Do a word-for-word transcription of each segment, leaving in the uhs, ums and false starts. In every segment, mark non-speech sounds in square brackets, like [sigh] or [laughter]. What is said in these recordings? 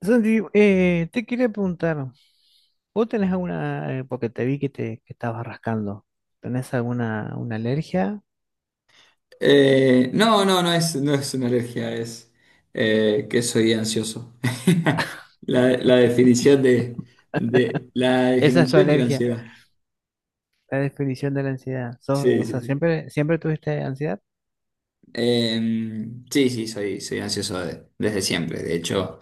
Santi, eh, te quería preguntar, ¿vos tenés alguna, eh, porque te vi que te que estabas rascando? ¿Tenés alguna una alergia? Eh, no, no, no es, no es una alergia, es eh, que soy ansioso. [laughs] La, la definición de, de- la Esa es tu definición de la alergia, ansiedad. la definición de la ansiedad. Sos- Sí, O sí, sea, sí. siempre, siempre tuviste ansiedad Eh, sí, sí, soy, soy ansioso de- desde siempre. De hecho,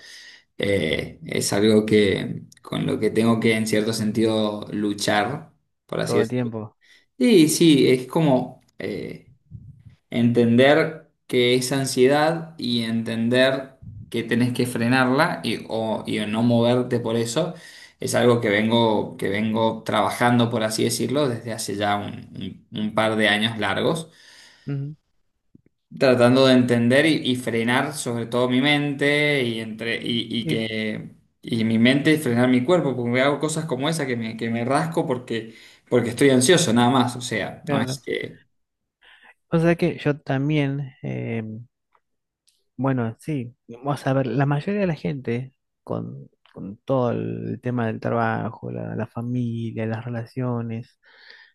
eh, es algo que con lo que tengo que en cierto sentido luchar, por así todo el decirlo. tiempo. Sí, sí, es como eh, entender que es ansiedad y entender que tenés que frenarla y, o, y no moverte por eso es algo que vengo, que vengo trabajando, por así decirlo, desde hace ya un, un- un par de años largos, Ujú. tratando de entender y, y frenar sobre todo mi mente y, entre, y, y Y que... Y mi mente y frenar mi cuerpo, porque hago cosas como esa que me, que me rasco porque, porque estoy ansioso, nada más. O sea, no es claro, que. o sea que yo también, eh, bueno, sí, vamos a ver, la mayoría de la gente con, con todo el tema del trabajo, la, la familia, las relaciones.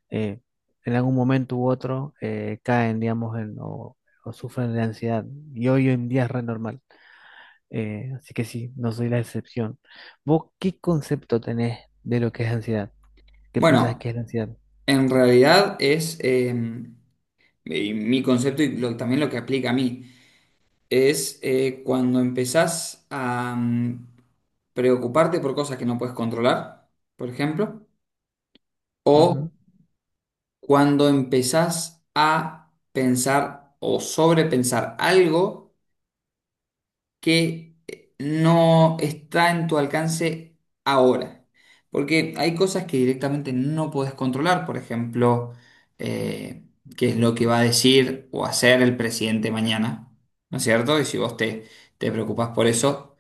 eh, en algún momento u otro eh, caen, digamos, en- o, o sufren de ansiedad. Y hoy en día es re normal. Eh, así que sí, no soy la excepción. ¿Vos qué concepto tenés de lo que es ansiedad? ¿Qué pensás Bueno. que es la ansiedad? En realidad es, eh, y mi concepto y lo- también lo que aplica a mí, es eh, cuando empezás a mm, preocuparte por cosas que no puedes controlar, por ejemplo, o Ujú. cuando empezás a pensar o sobrepensar algo que eh, no está en tu alcance ahora. Porque hay cosas que directamente no puedes controlar, por ejemplo, eh, qué es lo que va a decir o hacer el presidente mañana, ¿no es cierto? Y si vos te, te preocupás por eso.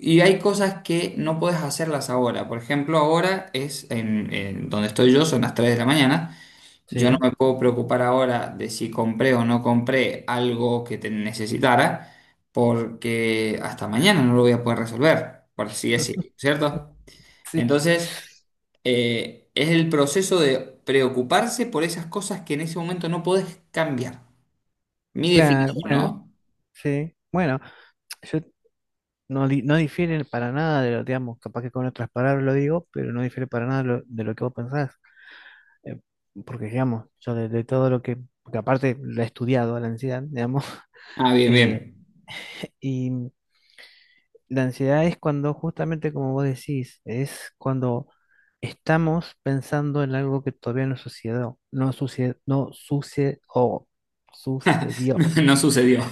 Y hay cosas que no puedes hacerlas ahora. Por ejemplo, ahora es en, en donde estoy yo, son las tres de la mañana. Yo no Sí, me puedo preocupar ahora de si compré o no compré algo que te necesitara, porque hasta mañana no lo voy a poder resolver, por así decirlo, ¿cierto? [laughs] sí, Entonces, eh, es el proceso de preocuparse por esas cosas que en ese momento no podés cambiar. Mi claro, definición, bueno, ¿no? sí. Bueno, yo no, di- no difiere para nada de lo, digamos, capaz que con otras palabras lo digo, pero no difiere para nada lo- de lo que vos pensás. Eh, Porque, digamos, yo de, de todo lo que, porque aparte la he estudiado, la ansiedad, digamos. [laughs] Ah, bien, Eh, bien. [laughs] y la ansiedad es cuando, justamente como vos decís, es cuando estamos pensando en algo que todavía no sucedió, no sucedió, no sucedió, sucedió. [laughs] No sucedió.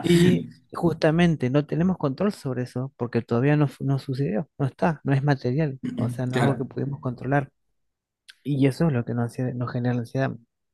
Y [laughs] justamente no tenemos control sobre eso porque todavía no, fu- no sucedió, no está, no es material, o sea, no es algo que Claro. pudimos controlar. Y eso es lo que nos, hace- nos genera la ansiedad.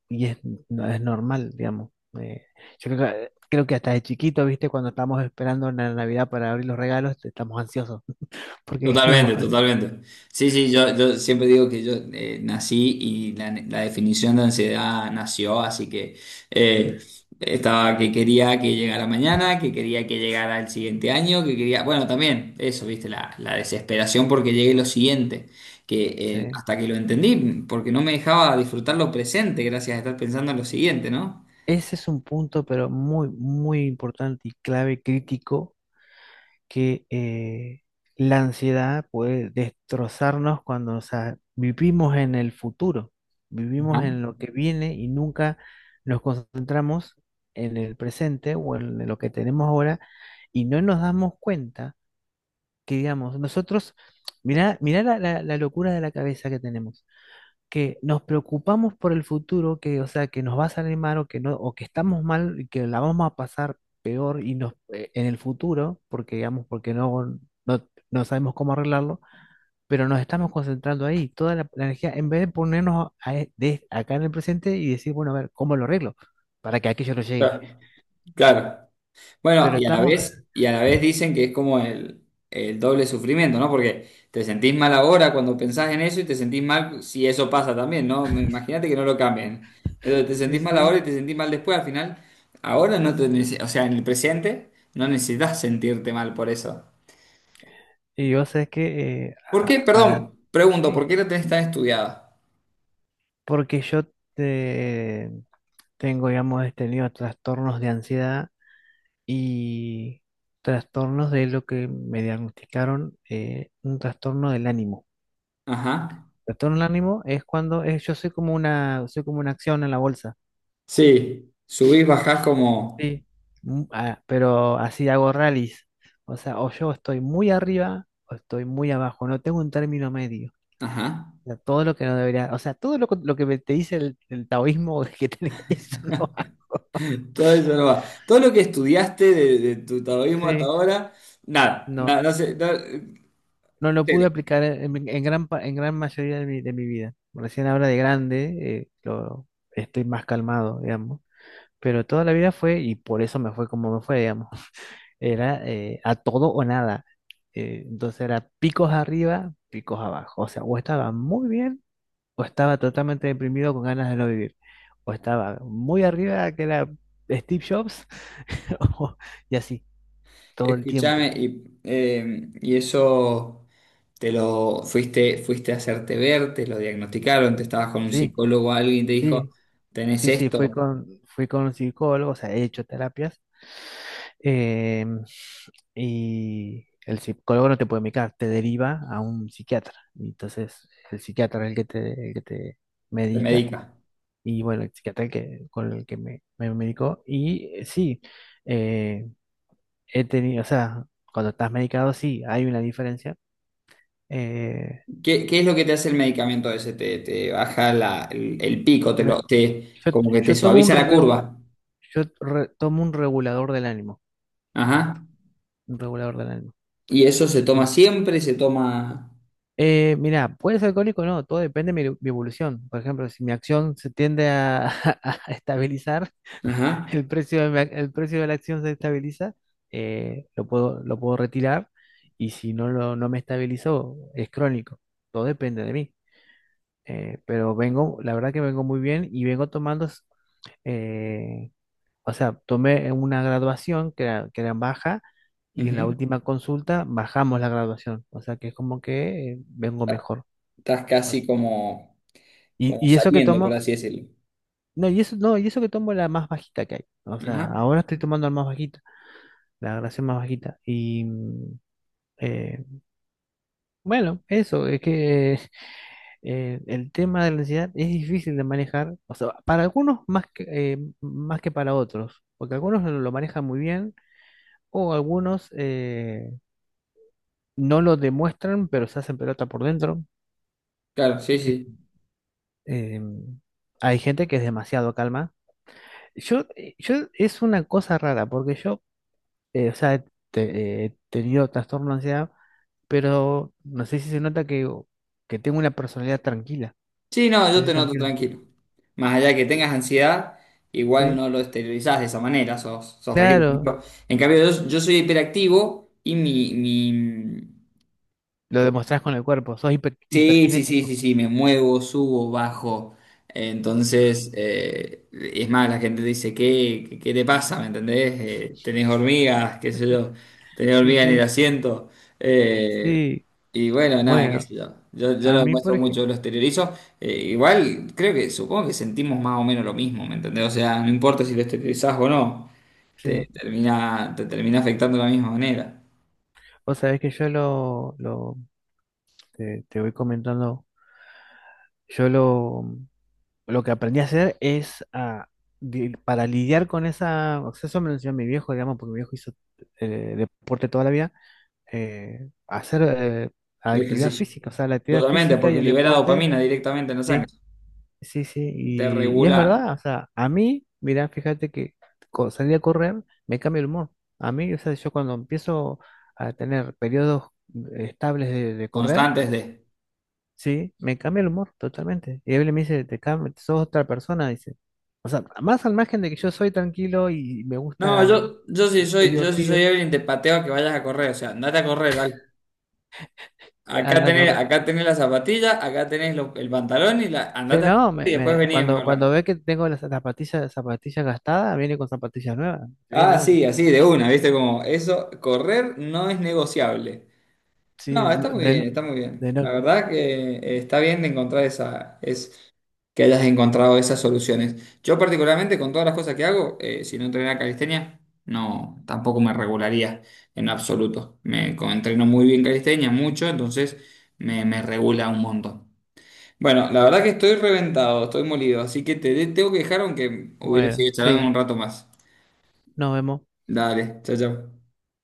Y es, no, es normal, digamos. Eh, yo creo que, creo que hasta de chiquito, ¿viste? Cuando estamos esperando la Navidad para abrir los regalos, estamos ansiosos [laughs] porque queremos Totalmente, abrir. totalmente. Sí, sí, yo, yo siempre digo que yo eh, nací y la, la definición de ansiedad nació, así que eh, estaba que quería que llegara mañana, que quería que llegara el siguiente año, que quería, bueno, también eso, viste, la, la desesperación porque llegue lo siguiente, que eh, Sí. hasta que lo entendí, porque no me dejaba disfrutar lo presente gracias a estar pensando en lo siguiente, ¿no? Ese es un punto, pero muy, muy importante y clave, crítico, que eh, la ansiedad puede destrozarnos cuando, o sea, vivimos en el futuro, Ajá. vivimos en lo que viene y nunca nos concentramos en el presente o en lo que tenemos ahora y no nos damos cuenta que, digamos, nosotros, mirá, mirá la, la- la locura de la cabeza que tenemos, que nos preocupamos por el futuro, que, o sea, que nos va a salir mal o que no, o que estamos mal y que la vamos a pasar peor y nos, eh, en el futuro, porque digamos, porque no, no, no sabemos cómo arreglarlo, pero nos estamos concentrando ahí, toda la, la energía, en vez de ponernos a e- de- acá en el presente y decir, bueno, a ver, ¿cómo lo arreglo? Para que aquello no llegue. Claro. Claro. Bueno, Pero y a la estamos, vez, y a la vez dicen que es como el, el doble sufrimiento, ¿no? Porque te sentís mal ahora cuando pensás en eso y te sentís mal si eso pasa también, ¿no? Imagínate que no lo cambien. Entonces [laughs] te sí, sentís mal sí, ahora y te sentís mal después. Al final, ahora no te, nece- o sea, en el presente no necesitas sentirte mal por eso. y yo sé que, eh, ¿Por a- qué? para, Perdón, pregunto, ¿por sí, qué la tenés tan estudiada? porque yo te, tengo, digamos, he tenido trastornos de ansiedad y trastornos de lo que me diagnosticaron, eh, un trastorno del ánimo. Ajá. Trastorno del ánimo es cuando es- yo soy como una, soy como una acción en la bolsa, Sí, subís, bajás como. sí. Mm, ah, pero así hago rallies. O sea, o yo estoy muy arriba o estoy muy abajo, no tengo un término medio. Ajá. O sea, todo lo que no debería, o sea, todo lo, que lo que te dice el, el taoísmo [laughs] que tenés, eso no. Todo eso no va. Todo lo que estudiaste de, de tu taoísmo hasta Sí, [laughs] ahora, nada, no. nada, no sé, no, No lo pude cero. aplicar en, en gran, pa- en gran mayoría de mi, de mi, vida. Recién ahora de grande, eh, lo, estoy más calmado, digamos. Pero toda la vida fue, y por eso me fue como me fue, digamos. [laughs] Era eh, a todo o nada. Eh, entonces era picos arriba, picos abajo. O sea, o estaba muy bien, o estaba totalmente deprimido con ganas de no vivir. O estaba muy arriba, que era Steve Jobs, [laughs] o- y así, todo el Escúchame, tiempo. y, eh, y eso te lo fuiste, fuiste a hacerte ver, te lo diagnosticaron, te estabas con un Sí, psicólogo, o alguien y te dijo, sí. tenés Sí, sí, fui esto, con, fui con un psicólogo, o sea, he hecho terapias, em, y el psicólogo no te puede medicar, te deriva a un psiquiatra. Y entonces, el psiquiatra es el que te, el que te te medica, medica. y bueno, el psiquiatra el que, con el que me, me medicó. Y eh, sí, eh, he tenido, o sea, cuando estás medicado, sí, hay una diferencia. Eh, ¿Qué, qué es lo que te hace el medicamento ese? Te, te baja la- el, el pico, te me- lo, te, yo, como que te yo tomo un, suaviza la reu- curva. yo re- tomo un regulador del ánimo, Ajá. un regulador del ánimo. Y eso se toma siempre, se toma. Eh, mira, puede ser alcohólico o no, todo depende de mi, mi evolución. Por ejemplo, si mi acción se tiende a, [laughs] a estabilizar, Ajá. el precio de, mi ac- el precio de la acción se estabiliza, eh, lo puedo, lo puedo retirar y si no, lo, no me estabilizó, es crónico. Todo depende de mí. Eh, pero vengo, la verdad que vengo muy bien y vengo tomando, s- eh, o sea, tomé una graduación que era, que era baja y en la Ujú. última consulta bajamos la graduación. O sea que es como que eh, vengo mejor. Estás casi como, Y, como y eso que saliendo, por tomo, así decirlo. no, y eso, no, y eso que tomo la más bajita que hay. O sea, Ajá. ahora estoy tomando la más bajita, la graduación más bajita. Y mm, eh, bueno, eso, es que [laughs] eh, el tema de la ansiedad es difícil de manejar. O sea, para algunos más que, eh, más que para otros. Porque algunos lo lo manejan muy bien, o algunos eh, no lo demuestran, pero se hacen pelota por dentro. Claro, sí, Eh, sí. eh, Hay gente que es demasiado calma. Yo, eh, yo es una cosa rara, porque yo eh, o sea, te- eh, he tenido trastorno de ansiedad, pero no sé si se nota que, que tengo una personalidad tranquila. Sí, no, Sí, yo sí, te noto tranquila. tranquilo. Más allá de que tengas ansiedad, igual Sí, no lo exteriorizás de esa manera, sos, sos tranquilo. Por claro, ejemplo, en cambio, yo, yo soy hiperactivo y mi, mi. lo co- demostrás con el cuerpo, sos hiper- Sí, sí, sí, sí, hiperkinético. sí, me muevo, subo, bajo. Entonces, eh, es más, la gente dice, ¿qué, qué, qué te pasa? ¿Me entendés? Eh, tenés hormigas, qué sé yo, tenés Sí, hormigas en el sí, asiento. Eh, sí. Y bueno, nada, qué Bueno, sé yo. Yo, yo lo a mí, por demuestro ejemplo, mucho, lo exteriorizo. Eh, igual, creo que, supongo que sentimos más o menos lo mismo, ¿me entendés? O sea, no importa si lo exteriorizás o no, te sí, termina, te termina afectando de la misma manera vos sabés que yo lo, lo te, te voy comentando, yo lo, lo que aprendí a hacer es a, di- para lidiar con esa, o sea, eso me lo enseñó mi viejo, digamos, porque mi viejo hizo eh, deporte toda la vida, eh, hacer eh, el actividad ejercicio. física, o sea, la actividad Totalmente, física y porque el libera deporte, dopamina directamente en la sangre. sí, sí, sí, Te y, y es regula verdad, o sea, a mí, mirá, fíjate que co- salir a correr me cambia el humor, a mí, o sea, yo cuando empiezo a tener periodos eh, estables de, de correr, constantes de. sí, me cambia el humor totalmente, y él me dice, te cambia, sos otra persona, dice, o sea, más al margen de que yo soy tranquilo y me No, gusta, yo, yo sí soy soy, yo sí soy divertido, Evelyn, te pateo a que vayas a correr. O sea, andate a correr, dale. Acá anda a tenés, correr. acá tenés la zapatilla, acá tenés lo- el pantalón y la, Sí, andate a correr no, y me, después me- venimos y cuando, hablamos. cuando ve que tengo las zapatillas, zapatillas gastadas, viene con zapatillas nuevas. Sí, Ah, no, sí, así, de una, ¿viste? Como eso, correr no es negociable. No, sí, está no, muy bien, de, está muy de bien. no, La verdad que eh, está bien de encontrar esa, es que hayas encontrado esas soluciones. Yo particularmente con todas las cosas que hago, eh, si no entrenara calistenia, no, tampoco me regularía en absoluto. Me co- entreno muy bien calistenia, mucho, entonces me, me regula un montón. Bueno, la verdad que estoy reventado, estoy molido, así que te de- tengo que dejar aunque hubiera bueno, seguido charlando sí, un rato más. nos vemos. Dale, chao, chao.